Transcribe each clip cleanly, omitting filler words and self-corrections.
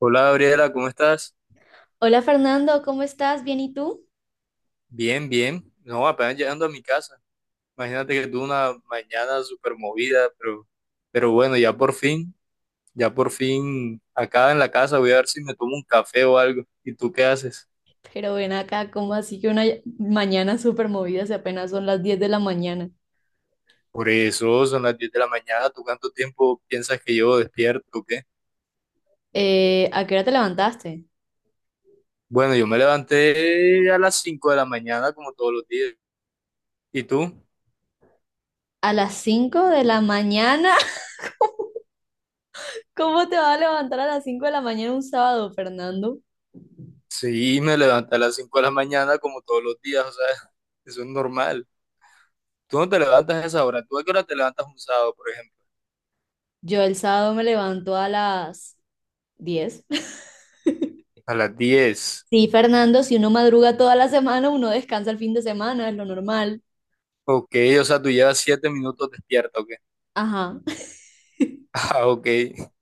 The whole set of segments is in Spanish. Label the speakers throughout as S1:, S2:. S1: Hola Gabriela, ¿cómo estás?
S2: Hola Fernando, ¿cómo estás? ¿Bien y tú?
S1: Bien, bien. No, apenas llegando a mi casa. Imagínate que tuve una mañana súper movida, pero bueno, ya por fin acá en la casa voy a ver si me tomo un café o algo. ¿Y tú qué haces?
S2: Pero ven acá, ¿cómo así que una mañana súper movida si apenas son las 10 de la mañana?
S1: Por eso son las 10 de la mañana. ¿Tú cuánto tiempo piensas que llevo despierto o qué?
S2: ¿A qué hora te levantaste?
S1: Bueno, yo me levanté a las 5 de la mañana como todos los días. ¿Y tú?
S2: ¿A las 5 de la mañana? ¿Cómo te vas a levantar a las 5 de la mañana un sábado, Fernando?
S1: Sí, me levanté a las 5 de la mañana como todos los días, o sea, eso es normal. Tú no te levantas a esa hora. ¿Tú a qué hora te levantas un sábado, por ejemplo?
S2: Yo el sábado me levanto a las 10.
S1: A las 10.
S2: Sí, Fernando, si uno madruga toda la semana, uno descansa el fin de semana, es lo normal.
S1: Ok, o sea, tú llevas 7 minutos despierto, ¿ok?
S2: Ajá.
S1: Ah, ok.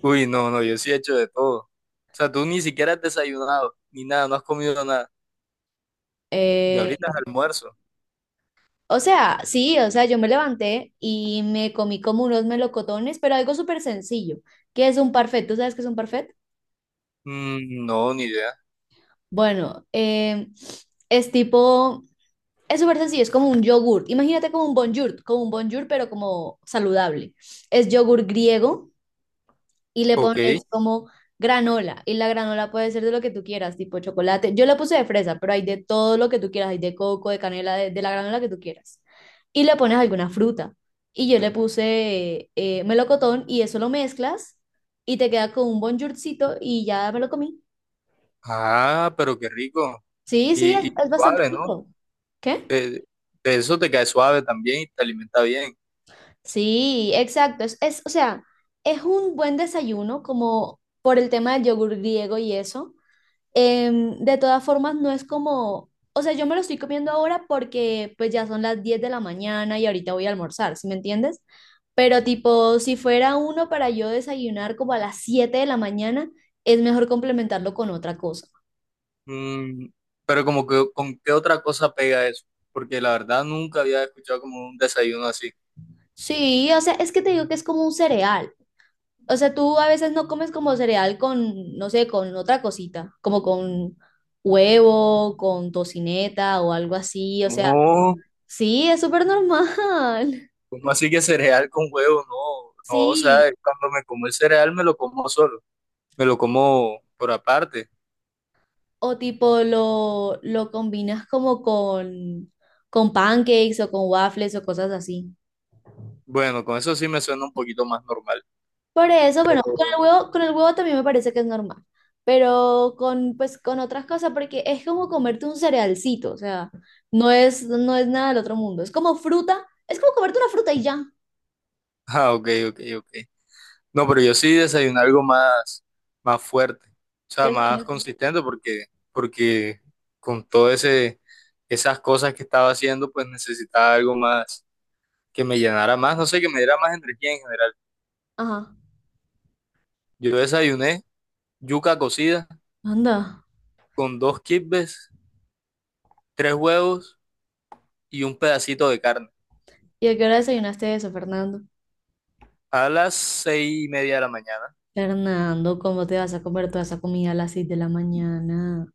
S1: Uy, no, no, yo sí he hecho de todo. O sea, tú ni siquiera has desayunado, ni nada, no has comido nada. Y
S2: Eh,
S1: ahorita es almuerzo.
S2: O sea, sí, o sea, yo me levanté y me comí como unos melocotones, pero algo súper sencillo. ¿Qué es un parfait? ¿Tú sabes qué es un parfait?
S1: Mm, no, ni idea.
S2: Bueno, es tipo, es súper sencillo, es como un yogur. Imagínate como un bonjour, pero como saludable. Es yogur griego y le
S1: Ok.
S2: pones como granola. Y la granola puede ser de lo que tú quieras, tipo chocolate. Yo le puse de fresa, pero hay de todo lo que tú quieras, hay de coco, de canela, de la granola que tú quieras. Y le pones alguna fruta. Y yo le puse melocotón y eso lo mezclas y te queda con un bonjourcito y ya me lo comí.
S1: Ah, pero qué rico.
S2: Sí, sí, es,
S1: Y
S2: es bastante
S1: suave, ¿no?
S2: rico. ¿Qué?
S1: Eh, de eso te cae suave también y te alimenta bien.
S2: Sí, exacto. O sea, es un buen desayuno como por el tema del yogur griego y eso. De todas formas, no es como, o sea, yo me lo estoy comiendo ahora porque pues ya son las 10 de la mañana y ahorita voy a almorzar, ¿sí me entiendes? Pero tipo, si fuera uno para yo desayunar como a las 7 de la mañana, es mejor complementarlo con otra cosa.
S1: Mm, pero como que, ¿con qué otra cosa pega eso? Porque la verdad nunca había escuchado como un desayuno así.
S2: Sí, o sea, es que te digo que es como un cereal. O sea, tú a veces no comes como cereal con, no sé, con otra cosita, como con huevo, con tocineta o algo así. O sea,
S1: No,
S2: sí, es súper normal.
S1: ¿cómo así que cereal con huevo? No, no, o sea,
S2: Sí.
S1: cuando me como el cereal me lo como solo, me lo como por aparte.
S2: O tipo lo combinas como con pancakes o con waffles o cosas así.
S1: Bueno, con eso sí me suena un poquito más normal,
S2: Por eso, bueno,
S1: pero...
S2: con el huevo también me parece que es normal. Pero con, pues, con otras cosas, porque es como comerte un cerealcito, o sea, no es nada del otro mundo. Es como fruta, es como comerte una fruta y ya.
S1: Ah, ok, ok, ok. No, pero yo sí desayuno algo más, más fuerte, o
S2: ¿Qué
S1: sea, más
S2: desayunaste?
S1: consistente porque con esas cosas que estaba haciendo, pues necesitaba algo más que me llenara más, no sé, que me diera más energía en general.
S2: Ajá,
S1: Yo desayuné yuca cocida
S2: anda.
S1: con dos kibbes, tres huevos y un pedacito de carne
S2: ¿Y a qué hora desayunaste eso, Fernando?
S1: a las 6:30 de la mañana.
S2: Fernando, ¿cómo te vas a comer toda esa comida a las 6 de la mañana?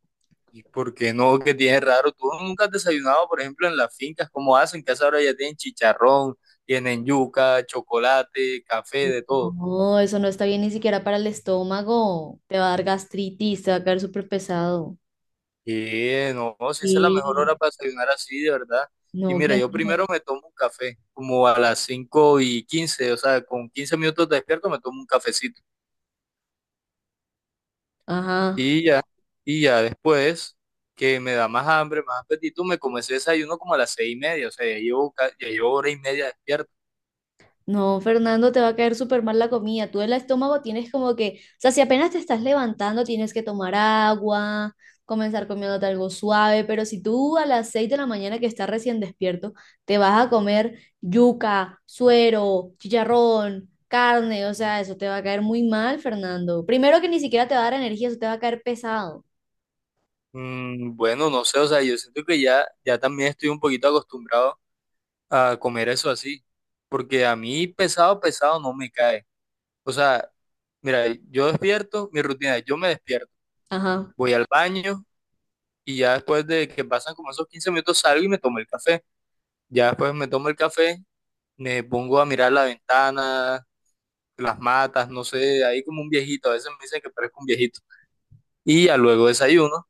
S1: ¿Y por qué no? que tienes raro? ¿Tú nunca has desayunado, por ejemplo, en las fincas? ¿Cómo hacen? Que a esa hora ya tienen chicharrón, tienen yuca, chocolate, café, de todo.
S2: No, eso no está bien ni siquiera para el estómago. Te va a dar gastritis, te va a caer súper pesado.
S1: Y no, no, si esa es la mejor hora
S2: Sí.
S1: para desayunar así, de verdad. Y
S2: No,
S1: mira,
S2: ¿quién
S1: yo
S2: dijo?
S1: primero me tomo un café, como a las 5:15, o sea, con 15 minutos despierto me tomo un cafecito.
S2: Ajá.
S1: Y ya, y ya después que me da más hambre, más apetito, me comencé ese desayuno como a las 6:30, o sea, ya llevo hora y media despierto.
S2: No, Fernando, te va a caer súper mal la comida. Tú el estómago tienes como que, o sea, si apenas te estás levantando, tienes que tomar agua, comenzar comiéndote algo suave, pero si tú a las 6 de la mañana que estás recién despierto, te vas a comer yuca, suero, chicharrón, carne, o sea, eso te va a caer muy mal, Fernando. Primero que ni siquiera te va a dar energía, eso te va a caer pesado.
S1: Bueno, no sé, o sea, yo siento que ya también estoy un poquito acostumbrado a comer eso así, porque a mí pesado, pesado no me cae. O sea, mira, yo despierto, mi rutina es, yo me despierto,
S2: Ajá.
S1: voy al baño y ya después de que pasan como esos 15 minutos salgo y me tomo el café. Ya después me tomo el café, me pongo a mirar la ventana las matas, no sé, ahí como un viejito, a veces me dicen que parezco un viejito. Y ya luego desayuno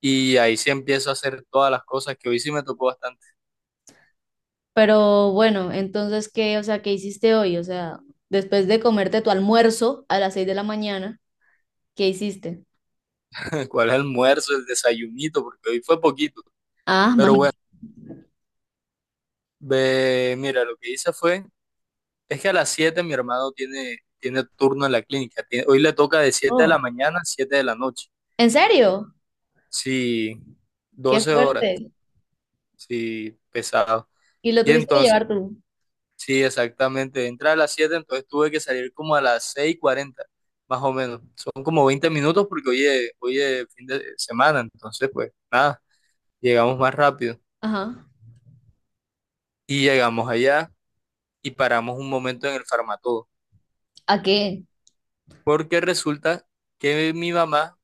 S1: y ahí sí empiezo a hacer todas las cosas que hoy sí me tocó bastante.
S2: Pero bueno, entonces, ¿qué, o sea, qué hiciste hoy? O sea, después de comerte tu almuerzo a las 6 de la mañana, ¿qué hiciste?
S1: ¿Cuál es el almuerzo, el desayunito? Porque hoy fue poquito.
S2: Ah,
S1: Pero bueno,
S2: imagínate.
S1: ve, mira, lo que hice fue, es que a las 7 mi hermano tiene turno en la clínica, hoy le toca de siete de la
S2: Oh,
S1: mañana a siete de la noche,
S2: ¿en serio?
S1: sí,
S2: Qué
S1: 12 horas,
S2: fuerte.
S1: sí, pesado.
S2: Y lo
S1: Y
S2: tuviste que
S1: entonces...
S2: llevar tú.
S1: Sí, exactamente. Entra a las 7, entonces tuve que salir como a las 6:40, más o menos. Son como 20 minutos porque hoy es fin de semana, entonces pues nada, llegamos más rápido.
S2: Ajá.
S1: Y llegamos allá y paramos un momento en el Farmatodo,
S2: ¿A qué?
S1: porque resulta que mi mamá,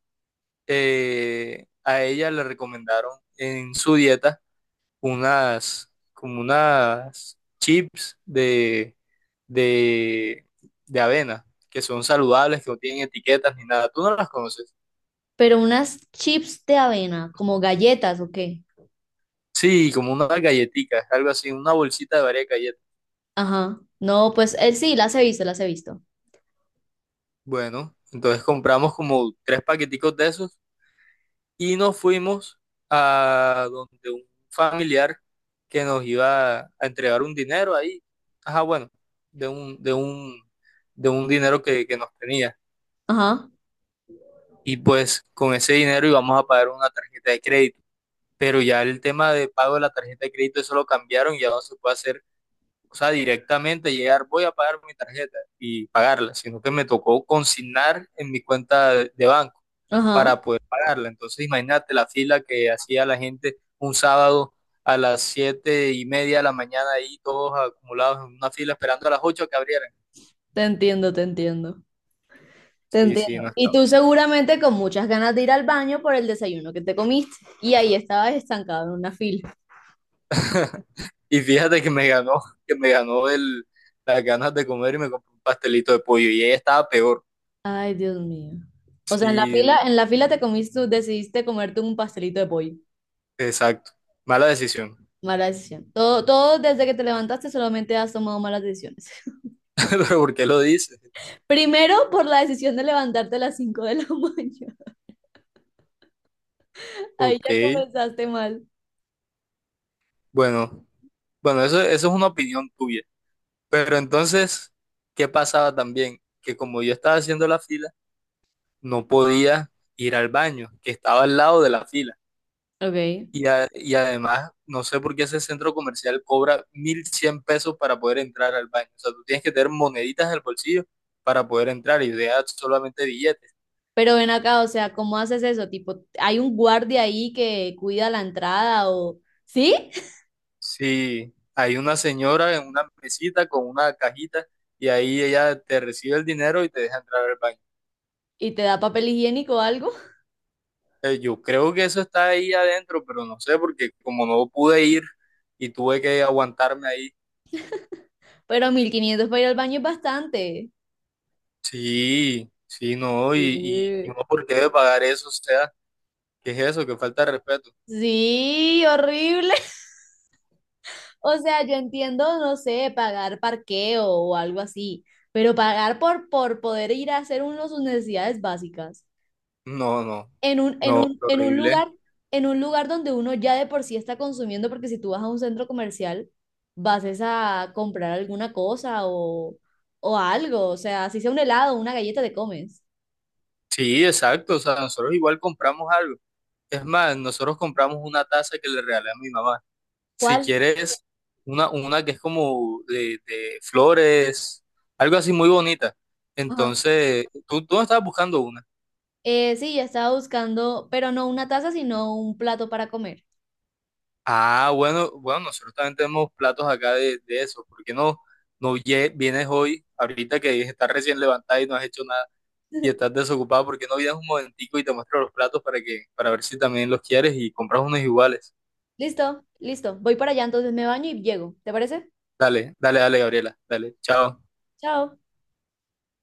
S1: a ella le recomendaron en su dieta como unas chips de, de avena, que son saludables, que no tienen etiquetas ni nada. ¿Tú no las conoces?
S2: Pero unas chips de avena, ¿como galletas o qué?
S1: Sí, como unas galletitas, algo así, una bolsita de varias galletas.
S2: Ajá. No, pues él sí, las he visto, las he visto.
S1: Bueno, entonces compramos como tres paqueticos de esos y nos fuimos a donde un familiar que nos iba a entregar un dinero ahí. Ajá, bueno, de un, de un, de un dinero que nos tenía.
S2: Ajá,
S1: Y pues con ese dinero íbamos a pagar una tarjeta de crédito. Pero ya el tema de pago de la tarjeta de crédito, eso lo cambiaron, ya no se puede hacer, o sea, directamente llegar, voy a pagar mi tarjeta y pagarla, sino que me tocó consignar en mi cuenta de banco
S2: ajá.
S1: para poder pagarla. Entonces, imagínate la fila que hacía la gente un sábado a las 7:30 de la mañana ahí todos acumulados en una fila esperando a las 8 que abrieran.
S2: Te entiendo, te entiendo. Te
S1: Sí, sí,
S2: entiendo.
S1: no.
S2: Y tú seguramente con muchas ganas de ir al baño por el desayuno que te comiste. Y ahí estabas estancado en una fila.
S1: Y fíjate que me ganó las ganas de comer y me compré un pastelito de pollo. Y ella estaba peor.
S2: Ay, Dios mío. O sea,
S1: Sí,
S2: en
S1: no,
S2: la fila te comiste, decidiste comerte un pastelito de pollo.
S1: exacto. Mala decisión.
S2: Mala decisión. Todo, todo desde que te levantaste solamente has tomado malas decisiones.
S1: Pero ¿por qué lo dices?
S2: Primero por la decisión de levantarte a las 5 de la mañana. Ahí
S1: Ok,
S2: ya comenzaste mal.
S1: bueno, bueno, eso es una opinión tuya. Pero entonces, ¿qué pasaba también? Que como yo estaba haciendo la fila, no podía ir al baño, que estaba al lado de la fila.
S2: Ok.
S1: Y además, no sé por qué ese centro comercial cobra 1.100 pesos para poder entrar al baño. O sea, tú tienes que tener moneditas en el bolsillo para poder entrar y deja solamente billetes.
S2: Pero ven acá, o sea, ¿cómo haces eso? Tipo, ¿hay un guardia ahí que cuida la entrada o sí?
S1: Sí, hay una señora en una mesita con una cajita y ahí ella te recibe el dinero y te deja entrar al baño.
S2: ¿Y te da papel higiénico o algo?
S1: Yo creo que eso está ahí adentro, pero no sé porque como no pude ir y tuve que aguantarme ahí.
S2: Pero 1500 para ir al baño es bastante.
S1: Sí, sí, no, y
S2: Sí.
S1: uno por qué debe pagar eso, o sea, ¿qué es eso? Que falta de respeto!
S2: Sí, horrible. O sea, yo entiendo, no sé, pagar parqueo o algo así, pero pagar por poder ir a hacer uno sus necesidades básicas
S1: No, no,
S2: en un, en
S1: no,
S2: un, en un
S1: horrible.
S2: lugar, en un lugar donde uno ya de por sí está consumiendo, porque si tú vas a un centro comercial, vas es a comprar alguna cosa o algo, o sea, si sea un helado, una galleta te comes.
S1: Sí, exacto, o sea, nosotros igual compramos algo. Es más, nosotros compramos una taza que le regalé a mi mamá. Si
S2: ¿Cuál?
S1: quieres, una que es como de flores, algo así muy bonita.
S2: Ajá.
S1: Entonces, tú no estabas buscando una.
S2: Sí, ya estaba buscando, pero no una taza, sino un plato para comer.
S1: Ah, bueno, bueno, nosotros también tenemos platos acá de eso. ¿Por qué no vienes hoy, ahorita que estás recién levantada y no has hecho nada? ¿Y estás desocupado, porque no vienes un momentico y te muestro los platos para para ver si también los quieres y compras unos iguales?
S2: Listo, listo. Voy para allá, entonces me baño y llego. ¿Te parece?
S1: Dale, dale, dale, Gabriela, dale, chao.
S2: Chao.